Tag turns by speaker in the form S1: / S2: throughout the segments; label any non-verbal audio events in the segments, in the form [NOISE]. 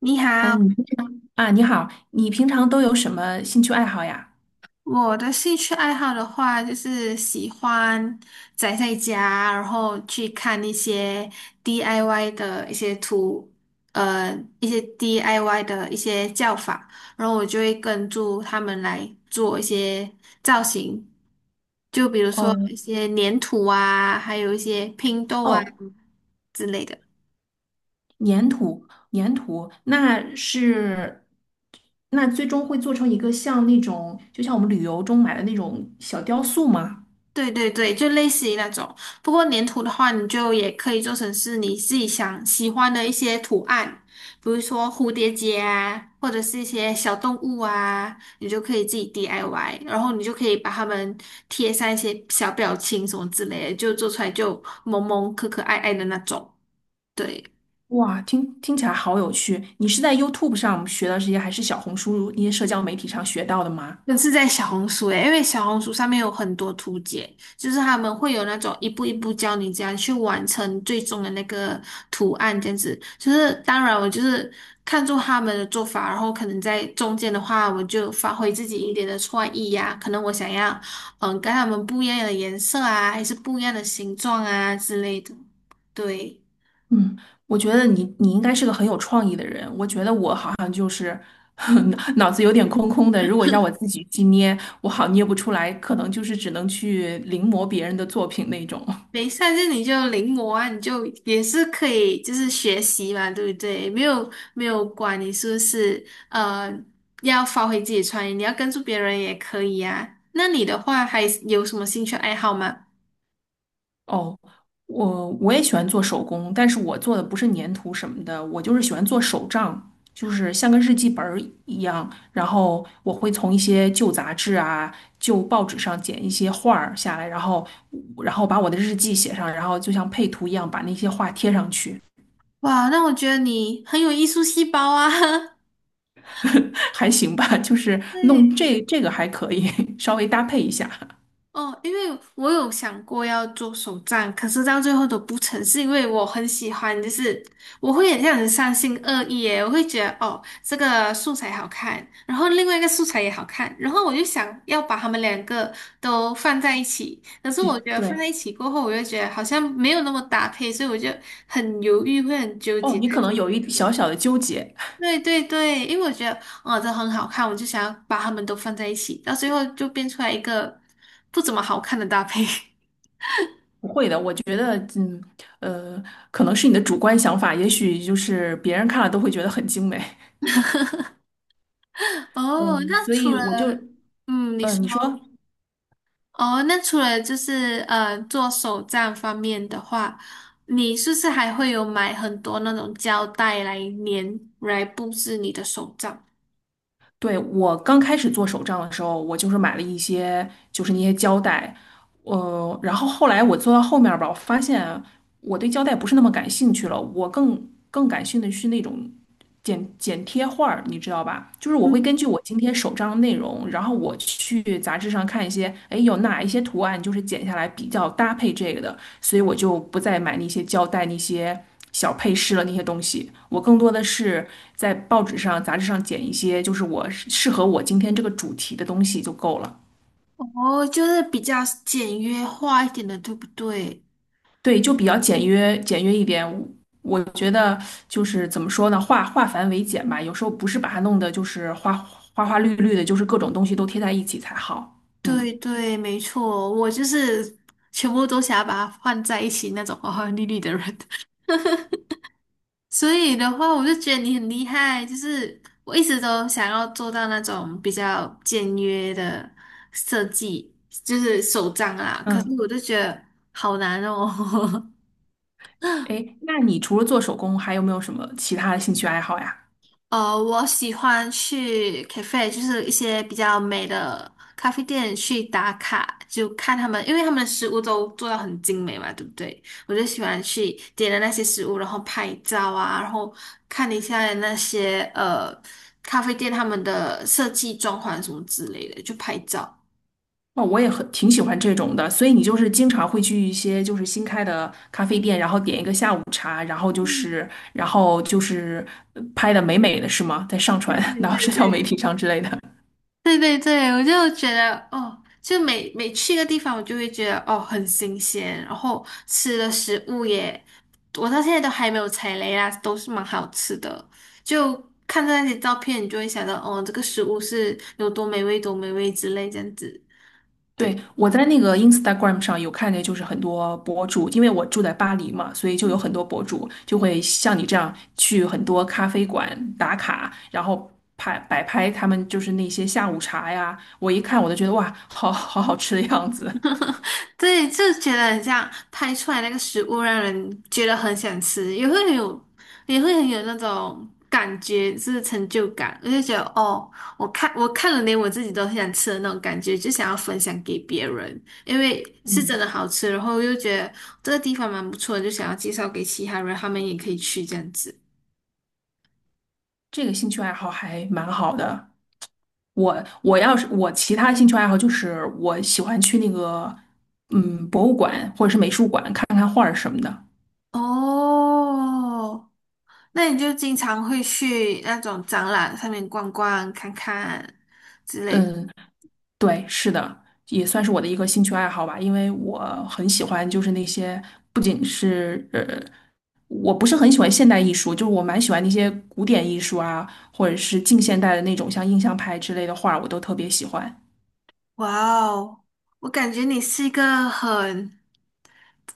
S1: 你好。
S2: 嗯，你好，你平常都有什么兴趣爱好呀？
S1: 我的兴趣爱好的话，就是喜欢宅在家，然后去看一些 DIY 的一些图，呃，一些 DIY 的一些叫法，然后我就会跟住他们来做一些造型，就比如
S2: 哦
S1: 说一些粘土啊，还有一些拼豆啊
S2: 哦，
S1: 之类的。
S2: 粘土，粘土，那最终会做成一个像那种，就像我们旅游中买的那种小雕塑吗？
S1: 对对对，就类似于那种。不过粘土的话，你就也可以做成是你自己想喜欢的一些图案，比如说蝴蝶结啊，或者是一些小动物啊，你就可以自己 DIY，然后你就可以把它们贴上一些小表情什么之类的，就做出来就萌萌可可爱爱的那种。对。
S2: 哇，听起来好有趣！你是在 YouTube 上学的这些，还是小红书那些社交媒体上学到的吗？
S1: 我是在小红书诶，因为小红书上面有很多图解，就是他们会有那种一步一步教你怎样去完成最终的那个图案，这样子。就是当然我就是看中他们的做法，然后可能在中间的话，我就发挥自己一点的创意呀、可能我想要跟他们不一样的颜色啊，还是不一样的形状啊之类的。对。
S2: 嗯，我觉得你应该是个很有创意的人，我觉得我好。[LAUGHS] 脑子有点空空的，如果让我自己去捏，我好捏不出来，可能就是只能去临摹别人的作品那种。
S1: 没上就你就临摹啊，你就也是可以，就是学习嘛，对不对？没有没有管你是不是要发挥自己的创意，你要跟住别人也可以啊。那你的话还有什么兴趣爱好吗？
S2: 哦，我也喜欢做手工，但是我做的不是粘土什么的，我就是喜欢做手账，就是像个日记本儿一样。然后我会从一些旧杂志啊、旧报纸上剪一些画儿下来，然后把我的日记写上，然后就像配图一样把那些画贴上去。
S1: 哇，那我觉得你很有艺术细胞啊。
S2: [LAUGHS] 还行吧，就是
S1: [LAUGHS]
S2: 弄
S1: 对。
S2: 这个还可以，[LAUGHS] 稍微搭配一下。
S1: 哦，因为我有想过要做手账，可是到最后都不成，是因为我很喜欢，就是我会很像很三心二意耶，我会觉得哦，这个素材好看，然后另外一个素材也好看，然后我就想要把它们两个都放在一起，可是我
S2: [LAUGHS]
S1: 觉得放
S2: 对，
S1: 在一起过后，我就觉得好像没有那么搭配，所以我就很犹豫，会很纠
S2: 哦，
S1: 结
S2: 你
S1: 在
S2: 可
S1: 这
S2: 能
S1: 里。
S2: 有一小小的纠结，
S1: 对对对，因为我觉得哦，这很好看，我就想要把它们都放在一起，到最后就变出来一个不怎么好看的搭配。[LAUGHS]
S2: 不会的，我觉得，呃，可能是你的主观想法，也许就是别人看了都会觉得很精美，
S1: 哦，
S2: 嗯，
S1: 那
S2: 所
S1: 除
S2: 以
S1: 了
S2: 我就，
S1: 嗯，你说
S2: 你说，
S1: 哦，那除了就是做手账方面的话，你是不是还会有买很多那种胶带来粘来布置你的手账？
S2: 对，我刚开始做手账的时候，我就是买了一些，就是那些胶带，然后后来我做到后面儿吧，我发现我对胶带不是那么感兴趣了，我更感兴趣的是那种剪贴画儿，你知道吧？就是我会
S1: 嗯，
S2: 根据我今天手账的内容，然后我去杂志上看一些，哎，有哪一些图案就是剪下来比较搭配这个的，所以我就不再买那些胶带、那些小配饰了那些东西。我更多的是在报纸上、杂志上剪一些，就是我适合我今天这个主题的东西就够了。
S1: 哦，就是比较简约化一点的，对不对？
S2: 对，就比较简约，简约一点。我觉得就是怎么说呢，化繁为简吧。有时候不是把它弄得就是花花绿绿的，就是各种东西都贴在一起才好。嗯
S1: 对对，没错，我就是全部都想要把它放在一起那种花花绿绿的人。所以的话，我就觉得你很厉害，就是我一直都想要做到那种比较简约的设计，就是手账啦。可是
S2: 嗯，
S1: 我就觉得好难哦。[LAUGHS]
S2: 哎，那你除了做手工，还有没有什么其他的兴趣爱好呀？
S1: 我喜欢去 cafe，就是一些比较美的咖啡店去打卡，就看他们，因为他们的食物都做到很精美嘛，对不对？我就喜欢去点了那些食物，然后拍照啊，然后看一下那些咖啡店他们的设计、装潢什么之类的，就拍照。
S2: 哦，我也挺喜欢这种的，所以你就是经常会去一些就是新开的咖啡店，然后点一个下午茶，然后就
S1: 嗯，
S2: 是然后就是拍的美美的是吗？在上
S1: 对
S2: 传
S1: 对
S2: 到 [LAUGHS]
S1: 对
S2: 社交媒
S1: 对
S2: 体上之类的。
S1: 对对对，我就觉得哦，就每每去一个地方，我就会觉得哦很新鲜，然后吃的食物也，我到现在都还没有踩雷啦，都是蛮好吃的。就看到那些照片，你就会想到哦，这个食物是有多美味，多美味之类这样子。
S2: 对，
S1: 对。
S2: 我在那个 Instagram 上有看见，就是很多博主，因为我住在巴黎嘛，所以就有很多博主就会像你这样去很多咖啡馆打卡，然后摆拍他们就是那些下午茶呀。我一看我就觉得哇，好好吃的样子。
S1: [LAUGHS] 对，就觉得很像拍出来那个食物，让人觉得很想吃，也会很有，那种感觉，就是成就感。我就觉得，哦，我看了，连我自己都很想吃的那种感觉，就想要分享给别人，因为是真
S2: 嗯，
S1: 的好吃，然后又觉得这个地方蛮不错的，就想要介绍给其他人，他们也可以去这样子。
S2: 这个兴趣爱好还蛮好的。我要是我其他兴趣爱好就是我喜欢去那个博物馆或者是美术馆看看画儿什么的。
S1: 哦，那你就经常会去那种展览上面逛逛、看看之类的。
S2: 嗯，对，是的，也算是我的一个兴趣爱好吧，因为我很喜欢，就是那些不仅是呃，我不是很喜欢现代艺术，就是我蛮喜欢那些古典艺术啊，或者是近现代的那种像印象派之类的画，我都特别喜欢。
S1: 哇哦，我感觉你是一个很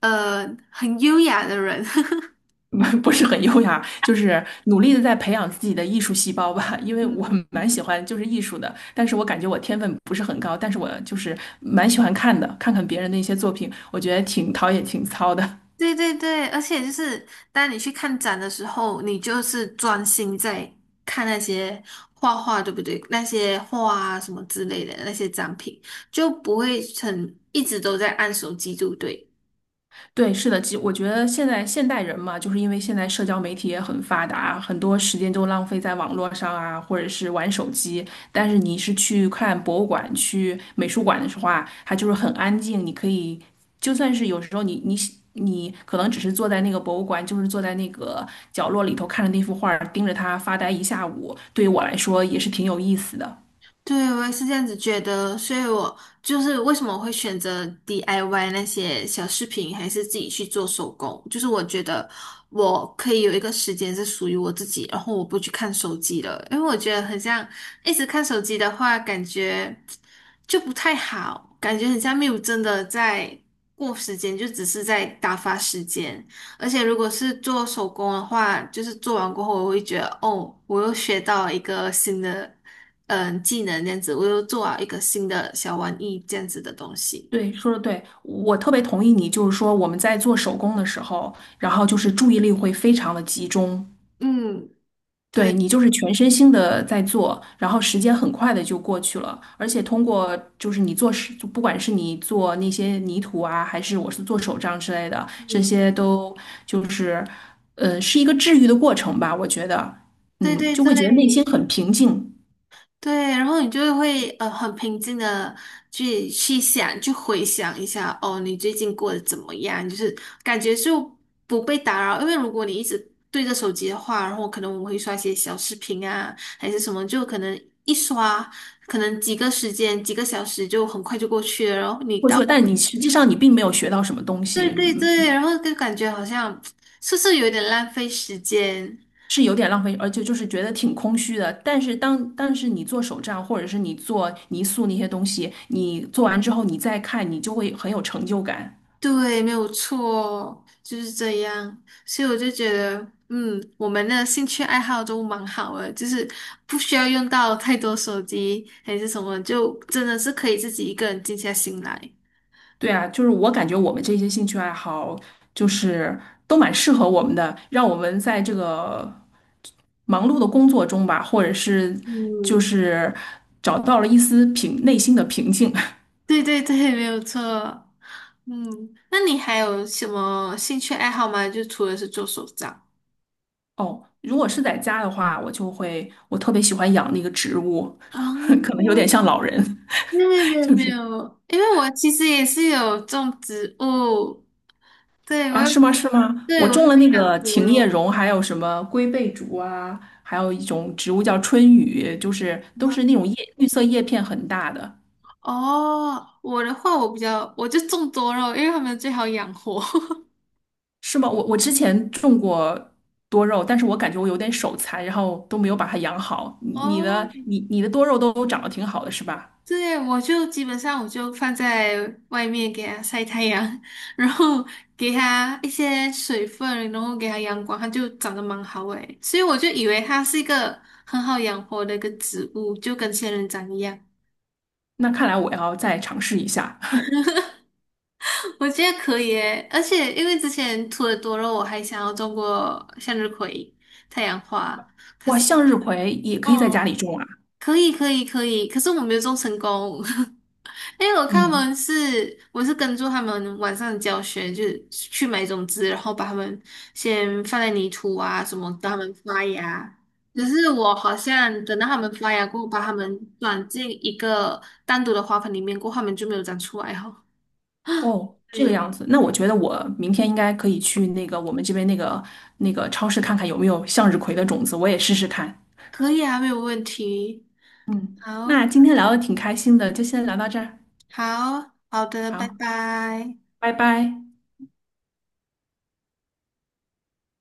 S1: 呃很优雅的人。[LAUGHS]
S2: [LAUGHS] 不是很优雅，就是努力的在培养自己的艺术细胞吧，因为我
S1: 嗯，
S2: 蛮喜欢就是艺术的，但是我感觉我天分不是很高，但是我就是蛮喜欢看的，看看别人的一些作品，我觉得挺陶冶情操的。
S1: 对对对，而且就是当你去看展的时候，你就是专心在看那些画画，对不对？那些画啊什么之类的那些展品，就不会很一直都在按手机，对不对？
S2: 对，是的，我觉得现在现代人嘛，就是因为现在社交媒体也很发达，很多时间都浪费在网络上啊，或者是玩手机。但是你是去看博物馆、去美术馆的时候啊，它就是很安静，你可以就算是有时候你可能只是坐在那个博物馆，就是坐在那个角落里头看着那幅画儿，盯着它发呆一下午，对于我来说也是挺有意思的。
S1: 对，我也是这样子觉得，所以我就是为什么我会选择 DIY 那些小饰品，还是自己去做手工，就是我觉得我可以有一个时间是属于我自己，然后我不去看手机了，因为我觉得很像一直看手机的话，感觉就不太好，感觉很像没有真的在过时间，就只是在打发时间。而且如果是做手工的话，就是做完过后，我会觉得哦，我又学到一个新的，技能这样子，我又做了一个新的小玩意这样子的东西。
S2: 对，说的对，我特别同意你，就是说我们在做手工的时候，然后就是注意力会非常的集中，
S1: 嗯，对，
S2: 对你就是全身心的在做，然后时间很快的就过去了，而且通过就是你做手，就不管是你做那些泥土啊，还是我是做手账之类的，这
S1: 嗯，
S2: 些都就是，是一个治愈的过程吧，我觉得，
S1: 对
S2: 嗯，
S1: 对
S2: 就
S1: 对
S2: 会觉得内心很平静。
S1: 对，然后你就会很平静的去想，去回想一下，哦，你最近过得怎么样？就是感觉就不被打扰，因为如果你一直对着手机的话，然后可能我们会刷一些小视频啊，还是什么，就可能一刷。可能几个时间、几个小时就很快就过去了，然后你
S2: 过
S1: 到
S2: 去了，但你实际上你并没有学到什么东
S1: 对
S2: 西。
S1: 对
S2: 嗯，
S1: 对，然后就感觉好像是不是有点浪费时间？
S2: 是有点浪费，而且就是觉得挺空虚的。但是但是你做手账，或者是你做泥塑那些东西，你做完之后你再看，你就会很有成就感。
S1: 对，没有错，就是这样。所以我就觉得，我们的兴趣爱好都蛮好的，就是不需要用到太多手机还是什么，就真的是可以自己一个人静下心来。
S2: 对啊，就是我感觉我们这些兴趣爱好就是都蛮适合我们的，让我们在这个忙碌的工作中吧，或者是就
S1: 嗯，
S2: 是找到了一丝内心的平静。
S1: 对对对，没有错。嗯，那你还有什么兴趣爱好吗？就除了是做手账。
S2: [LAUGHS] 哦，如果是在家的话，我就会我特别喜欢养那个植物，[LAUGHS] 可能有点像
S1: 哦，
S2: 老人。
S1: 没有没
S2: [LAUGHS]
S1: 有
S2: 就
S1: 没
S2: 是。
S1: 有，因为我其实也是有种植物，对
S2: 啊，
S1: 我有，
S2: 是吗？是吗？我种了那
S1: 养
S2: 个
S1: 多
S2: 琴叶
S1: 肉。
S2: 榕，还有什么龟背竹啊，还有一种植物叫春雨，就是都
S1: 啊，
S2: 是那种叶绿色叶片很大的，
S1: 哦，我的话我比较，我就种多肉，因为他们最好养活。
S2: 是吗？我之前种过多肉，但是我感觉我有点手残，然后都没有把它养好。你
S1: [LAUGHS]
S2: 你
S1: 哦，
S2: 的你你的多肉都长得挺好的，是吧？
S1: 对，我就基本上我就放在外面给它晒太阳，[LAUGHS] 然后给它一些水分，然后给它阳光，它就长得蛮好诶。所以我就以为它是一个很好养活的一个植物，就跟仙人掌一样。
S2: 那看来我要再尝试一下。
S1: [LAUGHS] 我觉得可以诶，而且因为之前土的多肉，我还想要种过向日葵、太阳花。
S2: [LAUGHS] 哇，向日葵也可以在家
S1: 哦，
S2: 里种啊。
S1: 可以，可以，可以，可是我没有种成功，[LAUGHS] 因为我看他
S2: 嗯。
S1: 们是，我是跟住他们晚上的教学，就是去买种子，然后把它们先放在泥土啊什么，让它们发芽。只是我好像等到它们发芽过后，把它们转进一个单独的花盆里面过后，它们就没有长出来哦。
S2: 哦，这个
S1: 对，
S2: 样子，那我觉得我明天应该可以去那个我们这边那个超市看看有没有向日葵的种子，我也试试看。
S1: 可以啊，没有问题。
S2: 嗯，
S1: 好。
S2: 那今天聊的挺开心的，就先聊到这儿，
S1: 好好的，拜
S2: 好，
S1: 拜。
S2: 拜拜。